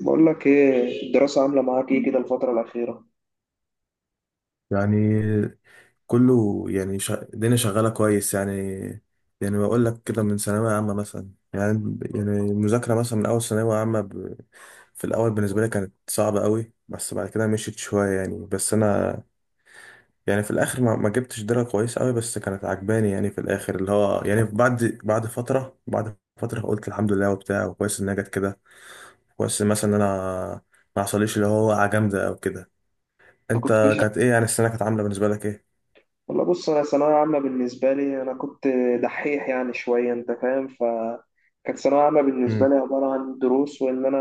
بقول لك ايه الدراسة عاملة معاك ايه كده الفترة الأخيرة؟ يعني كله يعني الدنيا شغالة كويس يعني بقول لك كده من ثانوية عامة مثلا يعني المذاكرة مثلا من أول ثانوية عامة في الأول بالنسبة لي كانت صعبة قوي، بس بعد كده مشيت شوية يعني. بس أنا يعني في الآخر ما جبتش درجة كويس قوي، بس كانت عجباني يعني في الآخر اللي هو يعني بعد فترة قلت الحمد لله وبتاع، وكويس إنها جت كده. كويس مثلا إن أنا ما حصليش اللي هو وقعة جامدة أو كده. أنت كنت أنت مش، كانت إيه يعني السنة كانت عاملة بالنسبة لك إيه؟ والله بص، أنا ثانوية عامة بالنسبة لي أنا كنت دحيح يعني شوية، أنت فاهم. فكانت ثانوية عامة بالنسبة لي عبارة عن دروس، وإن أنا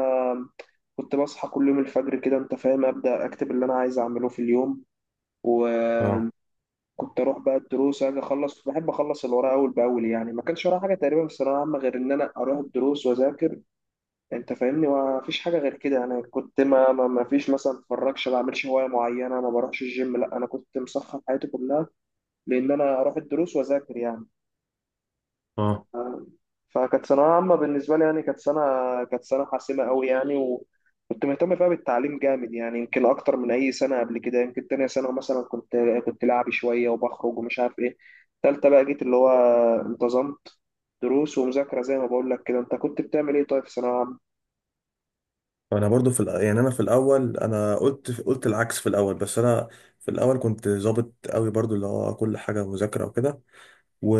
كنت بصحى كل يوم الفجر كده، أنت فاهم، أبدأ أكتب اللي أنا عايز أعمله في اليوم، امم. وكنت أروح بقى الدروس، أجي أخلص، بحب أخلص الوراء أول بأول. يعني ما كانش ورايا حاجة تقريبا في الثانوية عامة غير إن أنا أروح الدروس وأذاكر. انت فاهمني، ما فيش حاجه غير كده. انا كنت ما فيش مثلا اتفرجش، ما بعملش هوايه معينه، ما بروحش الجيم، لا، انا كنت مسخر حياتي كلها لان انا اروح الدروس واذاكر يعني. اه، ف- فكانت ثانويه عامه بالنسبه لي يعني كانت سنه حاسمه قوي يعني، وكنت مهتم فيها بالتعليم جامد يعني، يمكن اكتر من اي سنه قبل كده. يمكن تانية سنه مثلا كنت لعبي شويه وبخرج ومش عارف ايه. تالتة بقى جيت اللي هو انتظمت، دروس ومذاكره. زي ما بقول لك كده، انت كنت بتعمل ايه طيب في ثانويه عامه؟ انا برضو في يعني انا في الاول انا قلت العكس في الاول، بس انا في الاول كنت ظابط قوي برضو اللي هو كل حاجه مذاكره وكده. و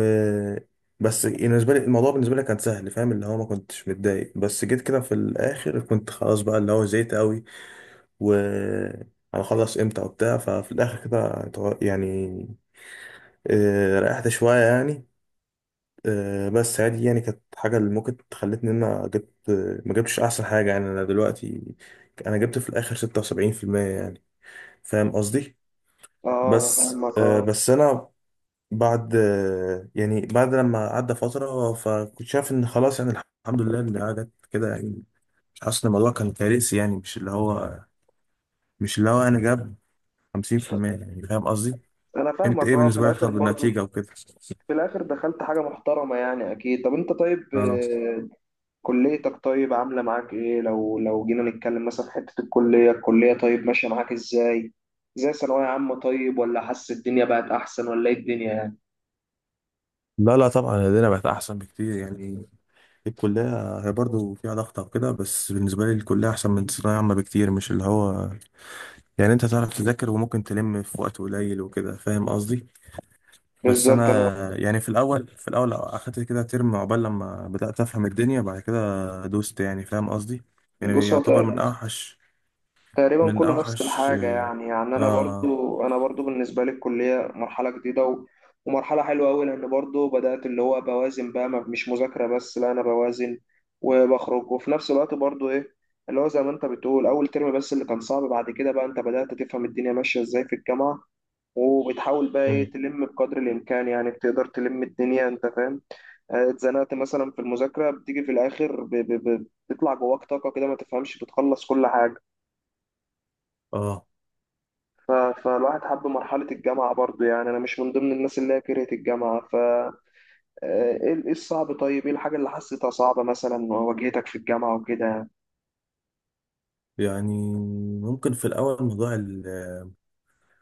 بس بالنسبه لي الموضوع بالنسبه لي كان سهل، فاهم اللي هو ما كنتش متضايق، بس جيت كده في الاخر كنت خلاص بقى اللي هو زيت قوي و هنخلص امتى وبتاع. ففي الاخر كده يعني آه، ريحت شويه يعني. آه، بس عادي يعني كانت حاجة اللي ممكن خلتني إن أنا جبت، ما جبتش أحسن حاجة يعني. أنا دلوقتي أنا جبت في الآخر 76% يعني، فاهم قصدي. اه انا بس فاهمك آه، اه. بس أنا بعد آه، يعني بعد لما عدى فترة، فكنت شايف إن خلاص يعني الحمد لله إن قعدت كده يعني. مش حاسس إن الموضوع كان كارثي يعني، مش اللي هو أنا جاب 50% يعني، فاهم قصدي. انا أنت فاهمك إيه اه، في بالنسبة لك الاخر طب برضو النتيجة وكده؟ في الاخر دخلت حاجه محترمه يعني، اكيد. طب انت طيب، آه. آه، كليتك طيب عامله معاك ايه؟ لو لو جينا نتكلم مثلا في حته الكليه، الكليه طيب ماشيه معاك ازاي؟ زي ثانويه عامه طيب، ولا حاسس الدنيا بقت احسن، ولا ايه الدنيا يعني؟ لا، لا، طبعا لدينا بقت احسن بكتير يعني. الكلية هي برضه فيها ضغط أو كده، بس بالنسبة لي الكلية أحسن من ثانوية عامة بكتير، مش اللي هو يعني أنت تعرف تذاكر وممكن تلم في وقت قليل وكده، فاهم قصدي. بس بالظبط انا. أنا يعني في الأول أخدت كده ترم عقبال لما بدأت أفهم الدنيا، بعد كده دوست يعني، فاهم قصدي. يعني بص، هو يعتبر من أوحش تقريبا من كله نفس أوحش الحاجة آه. يعني. يعني أنا آه. برضو أنا برضو بالنسبة لي الكلية مرحلة جديدة و... ومرحلة حلوة أوي، لأن برضو بدأت اللي هو بوازن بقى، مش مذاكرة بس لا، أنا بوازن وبخرج، وفي نفس الوقت برضو إيه، اللي هو زي ما أنت بتقول، أول ترم بس اللي كان صعب. بعد كده بقى أنت بدأت تفهم الدنيا ماشية إزاي في الجامعة، وبتحاول بقى إيه، مم. تلم بقدر الإمكان يعني، بتقدر تلم الدنيا أنت فاهم. آه، اتزنقت مثلا في المذاكرة، بتيجي في الآخر بيطلع جواك طاقة كده ما تفهمش، بتخلص كل حاجة. آه. فالواحد حب مرحلة الجامعة برضو يعني، أنا مش من ضمن الناس اللي هي كرهت الجامعة. ف آه، إيه إيه الصعب طيب؟ إيه الحاجة اللي حسيتها صعبة مثلا واجهتك في الجامعة وكده؟ يعني ممكن في الأول موضوع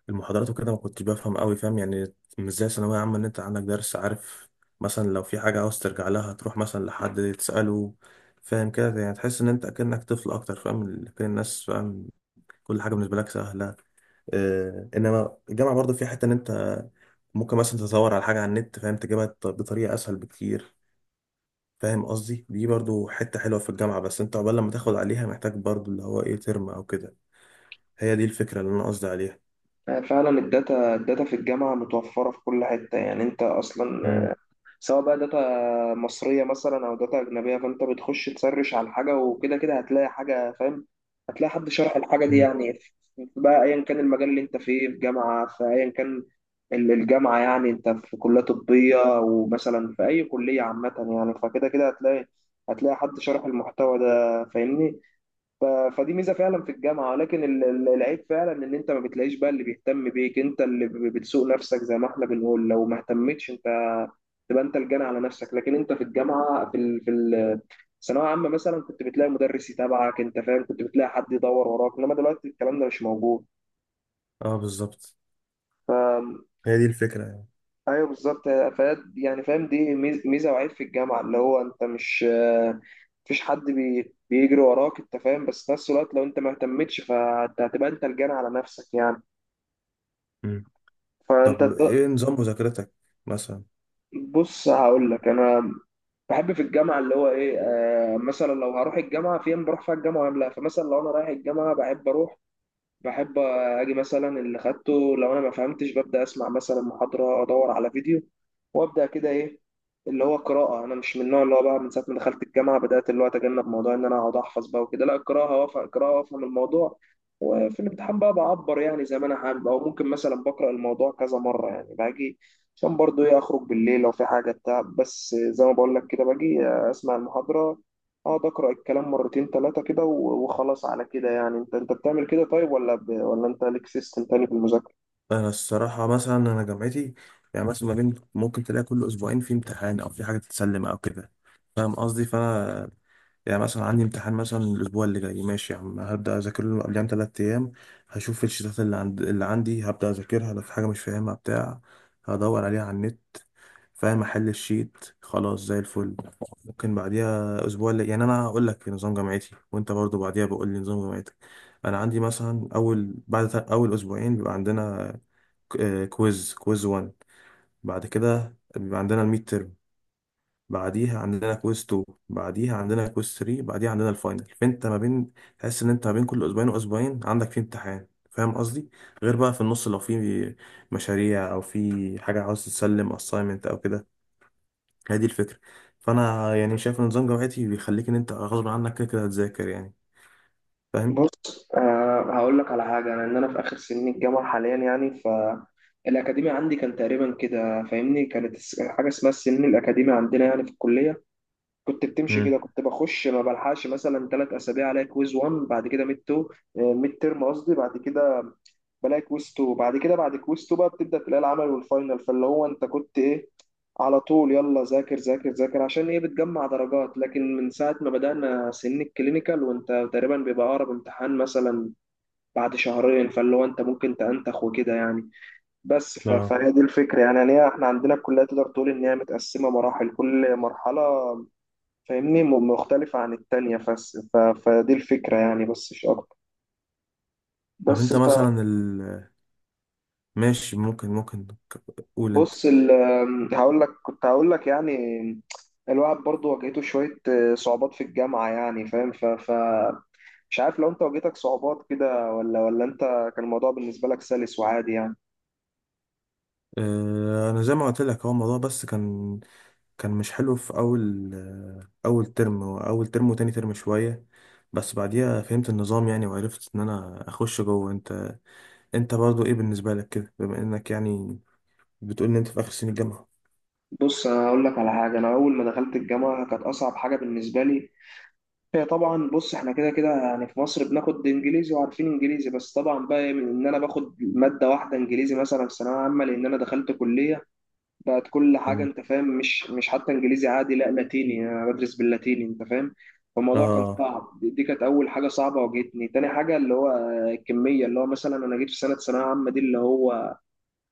المحاضرات وكده ما كنتش بفهم قوي، فاهم يعني مش زي ثانوية عامة ان انت عندك درس عارف، مثلا لو في حاجة عاوز ترجع لها تروح مثلا لحد تسأله. فاهم كده يعني تحس ان انت اكنك طفل اكتر، فاهم كل الناس فاهم، كل حاجة بالنسبة لك سهلة. آه انما الجامعة برضو في حتة ان انت ممكن مثلا تدور على حاجة على النت، فاهم تجيبها بطريقة اسهل بكتير، فاهم قصدي. دي برضو حتة حلوة في الجامعة، بس انت عقبال لما تاخد عليها محتاج برضو اللي هو ايه ترم او كده. هي دي الفكرة اللي انا قصدي عليها. يعني فعلا الداتا في الجامعة متوفرة في كل حتة يعني، أنت أصلا امم. سواء بقى داتا مصرية مثلا أو داتا أجنبية، فأنت بتخش تسرش على حاجة، وكده كده هتلاقي حاجة، فاهم؟ هتلاقي حد شرح الحاجة دي امم. يعني بقى، أيا كان المجال اللي أنت فيه في جامعة، في أيا كان الجامعة، يعني أنت في كلية طبية ومثلا في أي كلية عامة يعني، فكده كده هتلاقي، هتلاقي حد شرح المحتوى ده، فاهمني؟ ف- فدي ميزه فعلا في الجامعه. لكن العيب فعلا ان انت ما بتلاقيش بقى اللي بيهتم بيك، انت اللي بتسوق نفسك زي ما احنا بنقول. لو ما اهتمتش انت، تبقى انت الجنى على نفسك. لكن انت في الجامعه الثانويه عامه مثلا كنت بتلاقي مدرس يتابعك، انت فاهم، كنت بتلاقي حد يدور وراك، انما دلوقتي الكلام ده مش موجود. اه، بالظبط، هي دي الفكرة يعني. ايوه بالظبط. يعني فاهم، دي ميزه وعيب في الجامعه، اللي هو انت مش آه، مفيش حد بيجري وراك انت فاهم، بس في نفس الوقت لو انت ما اهتمتش فانت هتبقى انت الجان على نفسك يعني. مم. فانت طب ايه نظام مذاكرتك مثلا؟ بص، هقول لك انا بحب في الجامعه اللي هو ايه، آه مثلا لو هروح الجامعه، في ايام بروح فيها الجامعه ولا لا. فمثلا لو انا رايح الجامعه بحب اروح، بحب اجي مثلا اللي خدته، لو انا ما فهمتش ببدا اسمع مثلا محاضره، ادور على فيديو، وابدا كده ايه، اللي هو قراءه. انا مش من النوع اللي هو بقى، من ساعه ما دخلت الجامعه بدات اللي هو اتجنب موضوع ان انا اقعد احفظ بقى وكده، لا، القراءه وافهم، قراءه وافهم الموضوع، وفي الامتحان بقى بعبر يعني زي ما انا حابب. او ممكن مثلا بقرا الموضوع كذا مره يعني، باجي عشان برضو ايه اخرج بالليل لو في حاجه بتاع، بس زي ما بقول لك كده، باجي اسمع المحاضره، اقعد اقرا الكلام مرتين ثلاثه كده، وخلاص على كده يعني. انت انت بتعمل كده طيب ولا ولا انت ليك سيستم تاني في المذاكره؟ انا الصراحة مثلا انا جامعتي يعني مثلا ما بين ممكن تلاقي كل اسبوعين في امتحان او في حاجة تتسلم او كده، فاهم قصدي. فانا يعني مثلا عندي امتحان مثلا الاسبوع اللي جاي، ماشي يا عم هبدا اذاكر له قبلها بـ3 ايام، هشوف الشتات اللي عندي، هبدا اذاكرها لو في حاجه مش فاهمها بتاع، هدور عليها على النت، فاهم احل الشيت خلاص زي الفل. ممكن بعديها اسبوع اللي يعني، انا هقول لك نظام جامعتي وانت برضو بعديها بقول لي نظام جامعتك. انا عندي مثلا اول بعد اول اسبوعين بيبقى عندنا كويز 1، بعد كده بيبقى عندنا الميد ترم، بعديها عندنا كويز 2، بعديها عندنا كويز 3، بعديها عندنا الفاينل. فانت ما بين تحس ان انت ما بين كل اسبوعين واسبوعين عندك في امتحان، فاهم قصدي. غير بقى في النص لو في مشاريع او في حاجه عاوز تسلم اساينمنت او كده. هي دي الفكره. فانا يعني شايف ان نظام جامعتي بيخليك ان انت غصب عنك كده كده هتذاكر يعني، فاهم. بص آه، هقول لك على حاجه. انا ان انا في اخر سنين الجامعه حاليا يعني، ف الاكاديمي عندي كان تقريبا كده، فاهمني، كانت حاجه اسمها السنين الاكاديمي عندنا يعني في الكليه. كنت بتمشي امم. كده، كنت بخش ما بلحقش مثلا ثلاث اسابيع، الاقي كويز 1، بعد كده ميد 2، ميد ترم قصدي، بعد كده بلاقي كويز 2، بعد كده بعد كويز 2 بقى بتبدا تلاقي العمل والفاينل. فاللي هو انت كنت ايه، على طول يلا ذاكر ذاكر ذاكر عشان ايه بتجمع درجات. لكن من ساعه ما بدانا سن الكلينيكال وانت تقريبا بيبقى اقرب امتحان مثلا بعد شهرين، فاللي هو انت ممكن تنتخ وكده يعني. بس اه، فهي دي الفكره يعني، يعني إيه؟ احنا عندنا الكليه تقدر تقول ان هي متقسمه مراحل، كل مرحله فاهمني مختلفة عن التانية. فدي الفكرة يعني، بس مش أكتر. طب بس، انت مثلا ماشي؟ ممكن قول انت. فبص هقول لك، كنت هقول لك يعني، الواحد برضو واجهته شوية صعوبات في الجامعة يعني، فاهم، مش عارف لو انت واجهتك صعوبات كده ولا انت كان الموضوع بالنسبة لك سلس وعادي يعني؟ اه، انا زي ما قلت لك هو الموضوع بس كان مش حلو في أول ترم وتاني ترم شوية، بس بعديها فهمت النظام يعني، وعرفت إن أنا أخش جوه. أنت برضه إيه بالنسبة لك كده بما إنك يعني بتقول إن أنت في آخر سنة الجامعة؟ بص انا اقول لك على حاجة، انا اول ما دخلت الجامعة كانت اصعب حاجة بالنسبة لي هي، طبعا بص احنا كده كده يعني في مصر بناخد انجليزي، وعارفين انجليزي، بس طبعا بقى من ان انا باخد ماده واحده انجليزي مثلا في ثانويه عامه، لان انا دخلت كليه بقت كل حاجه، مم. انت فاهم، مش مش حتى انجليزي عادي، لا، لاتيني، انا بدرس باللاتيني انت فاهم. فالموضوع كان آه صعب، دي كانت اول حاجه صعبه واجهتني. تاني حاجه اللي هو الكميه، اللي هو مثلا انا جيت في سنه ثانويه عامه دي اللي هو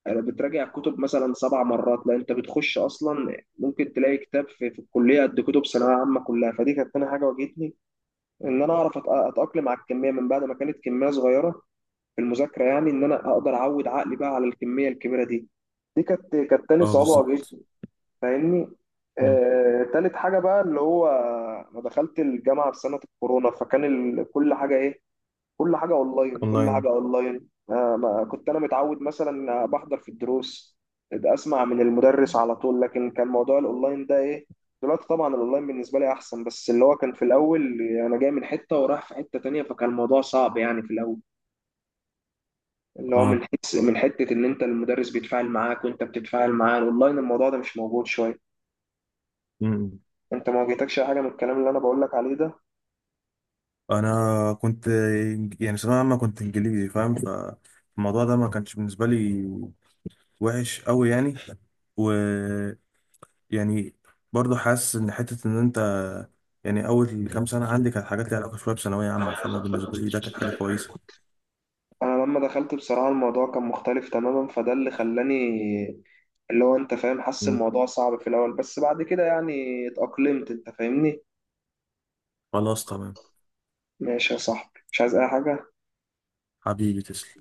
بتراجع الكتب مثلا سبع مرات، لا، انت بتخش اصلا ممكن تلاقي كتاب في، في الكليه قد كتب ثانويه عامه كلها. فدي كانت تاني حاجه واجهتني، ان انا اعرف اتاقلم على الكميه من بعد ما كانت كميه صغيره في المذاكره، يعني ان انا اقدر اعود عقلي بقى على الكميه الكبيره دي. دي كانت تاني آه صعوبه بالظبط. واجهتني، فاهمني. مم. آه، تالت حاجه بقى اللي هو انا دخلت الجامعه في سنه الكورونا، فكان كل حاجه ايه، كل أونلاين. حاجة أونلاين. آه، ما كنت أنا متعود، مثلا بحضر في الدروس ده أسمع من المدرس على طول، لكن كان موضوع الأونلاين ده إيه، دلوقتي طبعا الأونلاين بالنسبة لي أحسن، بس اللي هو كان في الأول أنا جاي من حتة ورايح في حتة تانية، فكان الموضوع صعب يعني في الأول، اللي هو من آه. حس من حتة إن أنت المدرس بيتفاعل معاك وأنت بتتفاعل معاه، الأونلاين الموضوع ده مش موجود شوية. مم. أنت ما واجهتكش أي حاجة من الكلام اللي أنا بقول لك عليه ده؟ أنا كنت يعني ثانوية عامة كنت إنجليزي، فاهم فالموضوع ده ما كانش بالنسبة لي وحش أوي يعني. يعني برضه حاسس ان حته ان انت يعني اول كام سنه عندي كانت حاجات ليها علاقه شويه بثانويه عامه، فانا بالنسبه لي ده كانت حاجه كويسه. انا لما دخلت بصراحه الموضوع كان مختلف تماما، فده اللي خلاني اللي هو انت فاهم حاسس مم. الموضوع صعب في الاول، بس بعد كده يعني اتأقلمت انت فاهمني. خلاص، تمام. ماشي يا صاحبي، مش عايز اي حاجة. حبيبي تسلم.